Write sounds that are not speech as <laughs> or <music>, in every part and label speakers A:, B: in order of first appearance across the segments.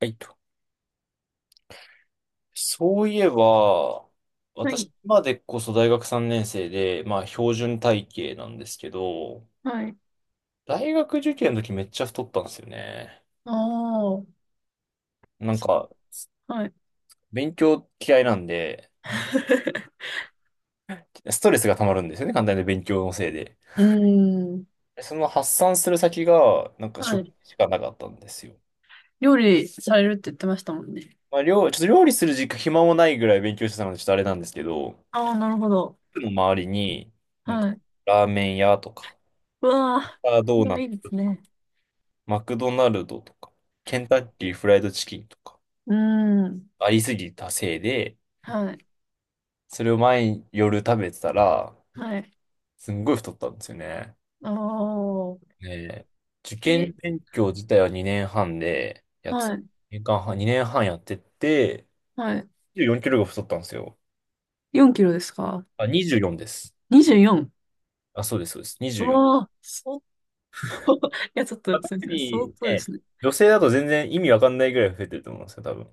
A: はいと。そういえば、
B: は
A: 私、
B: い。
A: 今でこそ大学3年生で、まあ、標準体型なんですけど、
B: はい。
A: 大学受験の時めっちゃ太ったんですよね。
B: ああ。
A: なんか、
B: はい。
A: 勉強嫌いなんで、
B: <laughs>
A: ストレスが溜まるんですよね、簡単に勉強のせいで。
B: うーん。
A: でその発散する先が、なんか
B: は
A: 食
B: い。
A: しかなかったんですよ。
B: 料理されるって言ってましたもんね。
A: まあ、ちょっと料理する時間暇もないぐらい勉強してたので、ちょっとあれなんですけど、
B: ああ、なるほど。
A: 僕の周りに、なんか、
B: はい。
A: ラーメン屋とか、
B: うわあ、
A: ドー
B: ま
A: ナ
B: あい
A: ツ
B: いですね。
A: マクドナルドとか、ケンタッキーフライドチキンとか、
B: うーん。
A: ありすぎたせいで、
B: はい。
A: それを毎夜食べてたら、
B: はい。
A: すんごい太ったんですよね。
B: ああ。
A: で、受
B: え、
A: 験勉強自体は2年半で、
B: はい。
A: 年間半、2年半やってって、
B: はい。
A: 24キロが太ったんですよ。
B: 4キロですか？
A: あ、24です。
B: 24？ うよん
A: あ、そうです、そうです。
B: う
A: 24。
B: わあ、相当。<laughs> いや、ちょっ
A: まあ、
B: と、そうで
A: 特
B: すね。相
A: に
B: 当で
A: ね、
B: すね。
A: 女性だと全然意味わかんないぐらい増えてると思うんですよ、多分。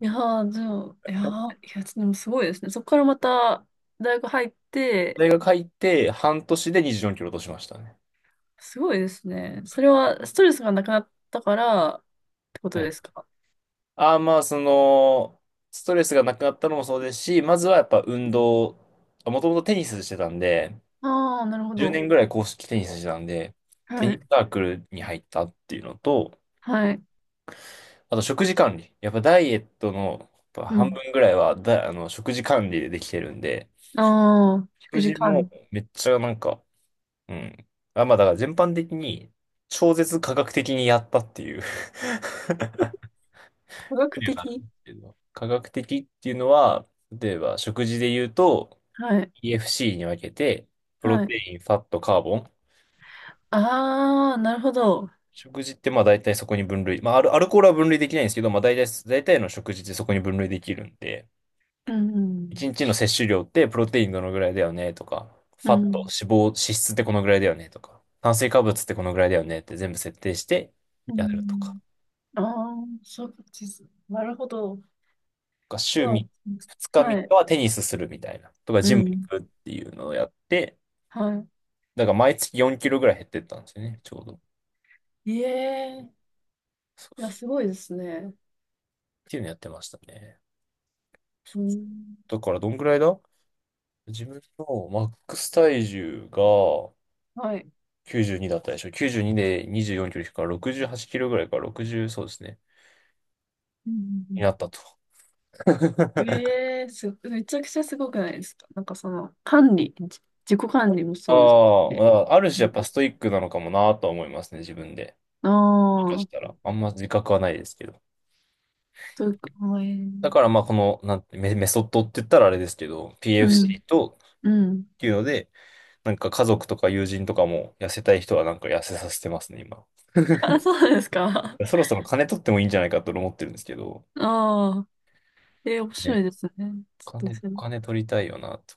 B: いやー、じゃあ、いやー、いや、でもすごいですね。そこからまた、大学入って、
A: 大学入って半年で24キロ落としましたね。
B: すごいですね。それはストレスがなくなったからってこと
A: は
B: で
A: い。
B: すか？
A: まあ、その、ストレスがなくなったのもそうですし、まずはやっぱ運動、もともとテニスしてたんで、
B: ああー、なるほ
A: 10
B: ど。
A: 年ぐらい公式テニスしてたんで、テ
B: は
A: ニ
B: い。
A: スサークルに入ったっていうのと、
B: はい。
A: あと食事管理。やっぱダイエットのやっぱ
B: う
A: 半
B: ん。
A: 分ぐらいはあの、食事管理でできてるんで、
B: ああ、食
A: 食
B: 事
A: 事
B: 管
A: も
B: 理。
A: めっちゃなんか、うん。あ、まあだから全般的に超絶科学的にやったっていう <laughs> こ
B: 科学
A: とにはなるん
B: 的。
A: ですけど、科学的っていうのは、例えば食事で言うと、
B: はい。
A: EFC に分けて、プロ
B: はい。
A: テイン、ファット、カーボン。
B: ああ、なるほど。
A: 食事ってまあ大体そこに分類。まあアルコールは分類できないんですけど、まあ大体、大体の食事ってそこに分類できるんで、
B: うん。
A: 1日の摂取量ってプロテインどのぐらいだよねとか、
B: う
A: ファット、
B: ん。
A: 脂肪、脂質ってこのぐらいだよねとか、炭水化物ってこのぐらいだよねって全部設定して
B: う
A: やるとか、
B: ん。ああー、そうです。なるほど。
A: とか週
B: う
A: 3、
B: ん
A: 2日っ
B: は
A: か
B: い。
A: はテニスするみたいな、とか
B: う
A: ジム行
B: ん。
A: くっていうのをやって、
B: は
A: だから毎月4キロぐらい減ってったんですよね、ちょうど。っ
B: い。いえー。いや、すごいですね。
A: ていうのやってましたね。
B: うん。
A: だからどんぐらいだ、自分のマックス体重が
B: はい。
A: 92だったでしょ。92で24キロ引くから68キロぐらいか、60、そうですね。
B: う
A: に
B: ん。
A: なったと。<laughs>
B: ええす、めちゃくちゃすごくないですか？なんかその、管理、自己管理も
A: あ
B: そうです
A: あ、ま
B: し。
A: あある種やっぱストイックなのかもなとは思いますね、自分で。
B: あ
A: もしか
B: あ
A: し
B: ー、
A: たら。あんま自覚はないですけど。
B: というか、え
A: だから
B: え
A: まあこの、なんて、メソッドって言ったらあれですけど、
B: うん、
A: PFC と、
B: うん。
A: っていうので、なんか家族とか友人とかも痩せたい人はなんか痩せさせてますね、今。
B: <laughs> あ、そうなんですか？
A: そろそろ金取ってもいいんじゃないかと思ってるんですけど、
B: ああ、ええ面白
A: ね、
B: いですね。ち
A: お
B: ょっと
A: 金、
B: それ
A: お金取りたいよなと。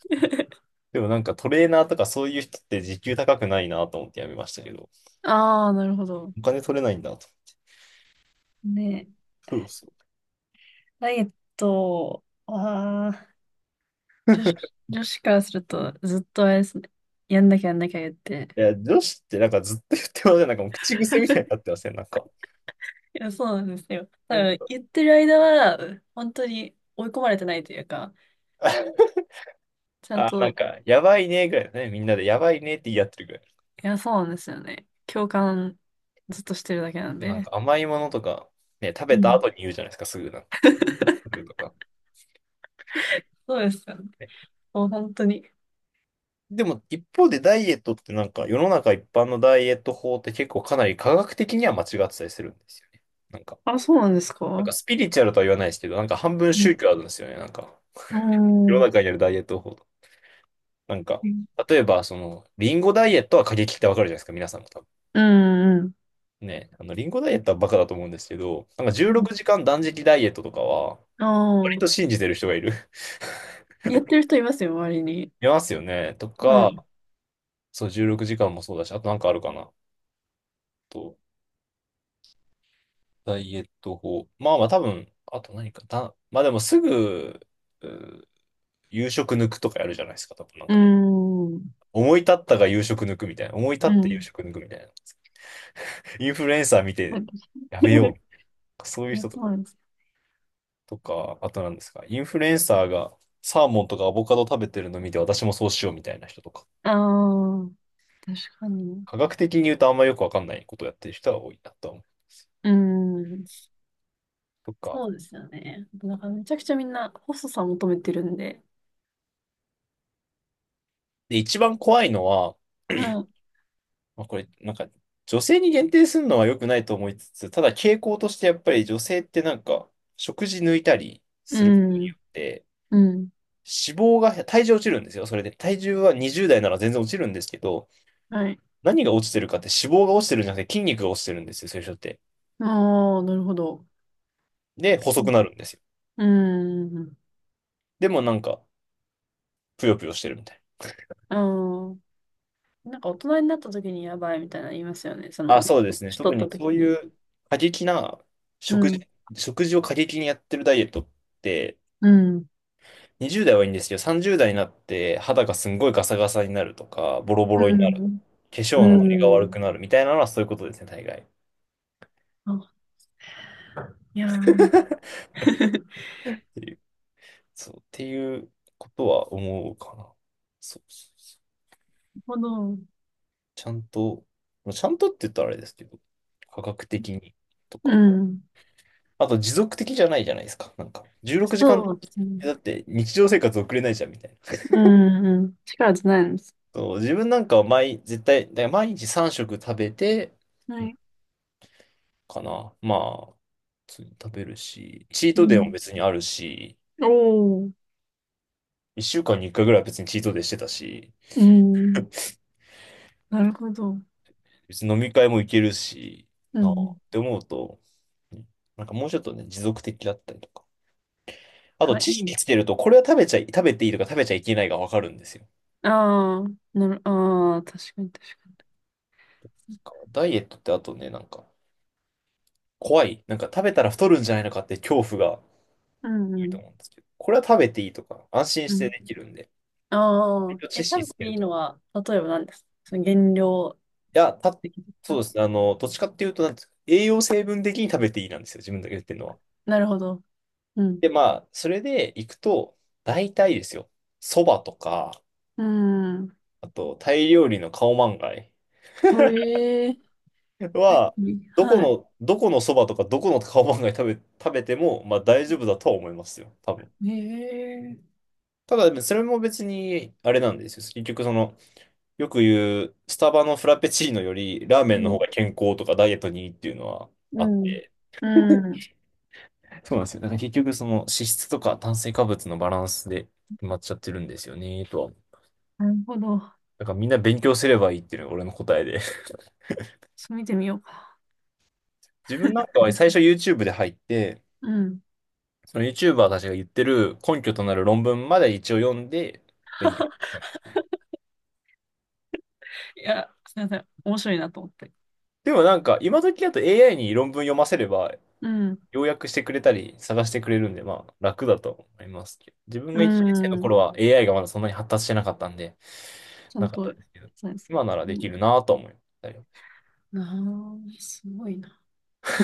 B: <laughs>、
A: でもなんかトレーナーとかそういう人って時給高くないなと思ってやめましたけど、
B: ああ、なるほど。
A: お金取れないんだと。
B: ね、
A: そうそ
B: ダイエットは、女子、女子からするとずっとあれですね。やんなきゃやんなきゃ言って。
A: う。いや、女子ってなんかずっと言ってません。なんかもう口癖みたいになってません。なんか。
B: いや、そうなんですよ。だ
A: な
B: か
A: ん
B: ら
A: か、
B: 言ってる間は、本当に追い込まれてないというか、
A: <laughs>
B: ちゃん
A: あ、なん
B: と、
A: か、やばいねぐらいだね。みんなでやばいねって言い合ってるぐらい。
B: いや、そうなんですよね。共感ずっとしてるだけなん
A: でなんか
B: で。
A: 甘いものとか、ね、食べ
B: う
A: た
B: ん。
A: 後に言うじゃないですか、すぐなんか。す
B: <laughs>
A: ぐとか。
B: そうですよね。
A: ね。
B: もう本当に。
A: でも一方でダイエットってなんか世の中一般のダイエット法って結構かなり科学的には間違ってたりするんですよね。なんか
B: あ、そうなんです
A: なんか
B: か？
A: スピリチュアルとは言わないですけど、なんか半分
B: うん。
A: 宗教あるんですよね。なんか、
B: う
A: 世の中
B: ん。
A: にあるダイエット法。なんか、例えば、その、リンゴダイエットは過激ってわかるじゃないですか、皆さんも多分。
B: うんう
A: ね、あの、リンゴダイエットはバカだと思うんですけど、なんか16
B: ん。
A: 時間断食ダイエットとかは、
B: あ
A: 割と
B: あ。
A: 信じてる人がいる。<laughs>
B: やってる人いますよ、周りに。
A: いますよね。と
B: は
A: か、
B: い。
A: そう、16時間もそうだし、あとなんかあるかな。と、ダイエット法。まあまあ多分、あと何か、まあでもすぐ、うー夕食抜くとかやるじゃないですか、多分なん
B: う
A: か
B: ん。うん。
A: 思い立ったが夕食抜くみたいな。思い立って夕食抜くみたいな。インフルエンサー見
B: な
A: て
B: んか
A: やめよ
B: <laughs>
A: う。そういう
B: いや、
A: 人と
B: そうなんです。
A: とか、あとなんですか。インフルエンサーがサーモンとかアボカド食べてるの見て私もそうしようみたいな人とか。
B: ああ、確かに。
A: 科学的に言うとあんまよくわかんないことをやってる人が多いなとは思う。
B: うん。
A: とか。
B: そうですよね。<laughs> なんかめちゃくちゃみんな細さ求めてるんで。
A: で、一番怖いのは、
B: はい。
A: <clears throat> まあこれ、なんか、女性に限定するのは良くないと思いつつ、ただ傾向としてやっぱり女性ってなんか、食事抜いたりすること
B: う
A: に
B: ん。
A: よって、
B: うん。
A: 脂肪が、体重落ちるんですよ。それで、体重は20代なら全然落ちるんですけど、
B: はい。
A: 何が落ちてるかって脂肪が落ちてるんじゃなくて筋肉が落ちてるんですよ、そういう人って。
B: ああ、なるほど。
A: で、細くなるんですよ。
B: うん。うん
A: でもなんか、ぷよぷよしてるみたい
B: ああ。なんか大人になった時にやばいみたいなの言いますよね。そ
A: な。あ、
B: の、
A: そうですね。
B: 年
A: 特
B: 取った
A: にそ
B: 時
A: うい
B: に。
A: う過激な
B: う
A: 食
B: ん。
A: 事、食事を過激にやってるダイエットって、
B: うん。
A: 20代はいいんですけど、30代になって肌がすんごいガサガサになるとか、ボロボロ
B: う
A: になる、
B: ん。
A: 化粧のノリが
B: う
A: 悪
B: ん。
A: くなるみたいなのはそういうことですね、大概。
B: あ、いやー。<laughs> な
A: そう、っていうことは思うかな。そうそうそう。
B: るほど。
A: ちゃんと、まあちゃんとって言ったらあれですけど、科学的にと
B: う
A: か、
B: ん。
A: あと持続的じゃないじゃないですか。なんか、16時間
B: そうです
A: だ
B: ね。
A: って日常生活送れないじゃんみたいな。
B: うん。うん。力じゃないんです。
A: そう、自分なんかは絶対、だから毎日3食食べて、
B: は
A: うん
B: い。
A: かな。まあ、普通に食べるし、チー
B: う
A: トデイも
B: ん。
A: 別にあるし、
B: おー。
A: 1週間に1回ぐらいは別にチートデイしてたし、
B: うん。なるほど。
A: 別に飲み会も行けるし、
B: う
A: なあっ
B: ん。
A: て思うと、ね、なんかもうちょっとね、持続的だったりとか。あと、
B: は
A: 知識
B: い。
A: つけると、これは食べていいとか食べちゃいけないがわかるんですよ。
B: ああ、ああ、確かに確
A: ダイエットってあとね、なんか、怖い。なんか食べたら太るんじゃないのかって恐怖が多
B: かに。うんう
A: いと
B: ん
A: 思うんですけど、これは食べていいとか、安心
B: う
A: して
B: ん。
A: できるんで、
B: あ
A: 割
B: あ、
A: と
B: え、
A: 知識
B: 食べ
A: つけ
B: て
A: る
B: いい
A: と。い
B: のは、例えば何ですか？その減量
A: や、
B: 的だった
A: そうで
B: ら
A: すね、あの、どっちかっていうと、なんですか、栄養成分的に食べていいなんですよ、自分だけ言ってるのは。
B: なるほど。うん。
A: で、まあ、それで行くと、大体ですよ、蕎麦とか、
B: うん。
A: あと、タイ料理のカオマンガイ
B: へえ。は
A: は、
B: い。
A: どこ
B: は
A: の、どこのそばとかどこのカオマンガイ<laughs> 食べても、まあ大丈夫だとは思いますよ。多分。
B: い。へえ。
A: ただ、それも別に、あれなんですよ。結局、その、よく言う、スタバのフラペチーノより、ラーメ
B: う
A: ンの方
B: ん。
A: が健康とかダイエットにいいっていうのは
B: う
A: あっ
B: ん。
A: て。
B: うん。
A: そうなんですよ。だから結局、その、脂質とか炭水化物のバランスで決まっちゃってるんですよね、とは。
B: なるほど。
A: だからみんな勉強すればいいっていうのが俺の答えで。
B: そう見てみようか。
A: <laughs> 自分なんかは最初 YouTube で入って、
B: うん。
A: その YouTuber たちが言ってる根拠となる論文まで一応読んで勉強。
B: <laughs> いや、すみません。面白いなと思って。
A: でもなんか今時だと AI に論文読ませれば
B: うん。
A: 要約してくれたり探してくれるんでまあ楽だと思いますけど。自分
B: う
A: が1年生の
B: ん。
A: 頃は AI がまだそんなに発達してなかったんで、
B: ちゃん
A: なかっ
B: と、
A: たですけど、
B: そうです。
A: 今なら
B: う
A: でき
B: ん。
A: るなと思いましたよ。
B: ああ、すごいな。
A: <laughs>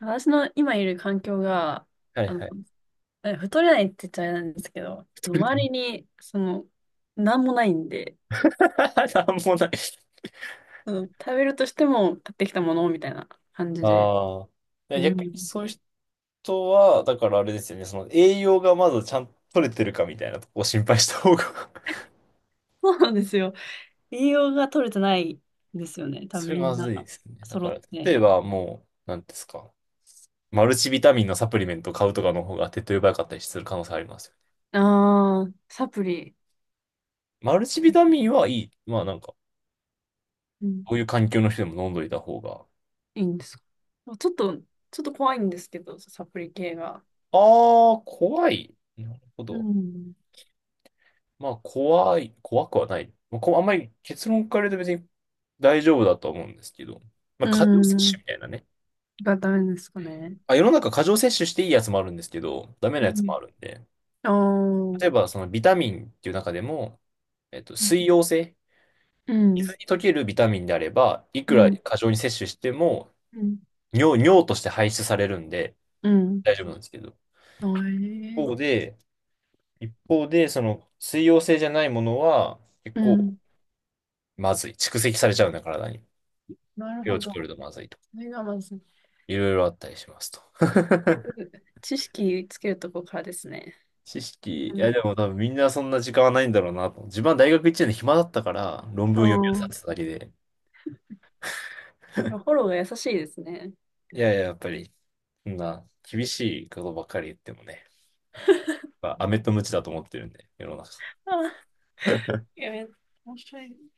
B: 私の今いる環境が、
A: はい
B: あの、
A: はい。
B: 太れないって言っちゃあれなんですけど、周り
A: <laughs>
B: に、その、なんもないんで、
A: なんもない。
B: その食べるとしても買ってきたものみたいな感じで。
A: ああ。
B: う
A: 逆に
B: ん。
A: そういう人とは、だからあれですよね、その栄養がまずちゃんと取れてるかみたいなとこを心配した方が。
B: そうなんですよ。栄養が取れてないんですよね。
A: <laughs>
B: 多分
A: それ
B: み
A: ま
B: んな
A: ずいですね。だか
B: 揃っ
A: ら、
B: て。
A: 例えばもう、なんですか、マルチビタミンのサプリメントを買うとかの方が手っ取り早かったりする可能性ありますよね。
B: ああ、サプリ、
A: マルチビタミンはいい。まあなんか、
B: うん、
A: こういう環境の人でも飲んどいた方が。
B: いいんですか？ちょっと、ちょっと怖いんですけど、サプリ系が。
A: あー、怖い。なるほ
B: う
A: ど。
B: ん。
A: まあ、怖い。怖くはない。まあ、こうあんまり結論から言うと別に大丈夫だと思うんですけど、まあ、
B: う
A: 過剰摂取
B: ん。
A: みたいなね。
B: がダメですかね。
A: あ、世の中過剰摂取していいやつもあるんですけど、ダメ
B: う
A: なやつもあるんで、
B: ん。あ
A: 例
B: あ。
A: えばそのビタミンっていう中でも、
B: うん、
A: 水溶性、
B: うん、
A: 水に溶けるビタミンであれば、いく
B: う
A: ら
B: ん、
A: 過剰に摂取しても、
B: うん。
A: 尿として排出されるんで、
B: うん
A: 大丈夫なんですけど、
B: え
A: 一
B: ー
A: 方で、一方で、その水溶性じゃないものは、結
B: う
A: 構
B: ん。
A: まずい。蓄積されちゃうんだ、体に。
B: なる
A: 手
B: ほ
A: を作
B: ど。
A: るとまずいと。
B: それがまず、
A: いろいろあったりしますと。
B: 結
A: <laughs>
B: 局知識つけるとこからですね。
A: 知識。い
B: うん。
A: や、でも多分みんなそんな時間はないんだろうなと。自分は大学1年の暇だったから、論
B: う
A: 文読み漁っ
B: ん
A: てただけで。
B: フォローが優しいですね。
A: いやいや、やっぱり、そんな厳しいことばっかり言ってもね、
B: <laughs>
A: まあ、アメとムチだと思ってるんで、世の中。
B: あ、
A: <laughs>
B: いや、面白い。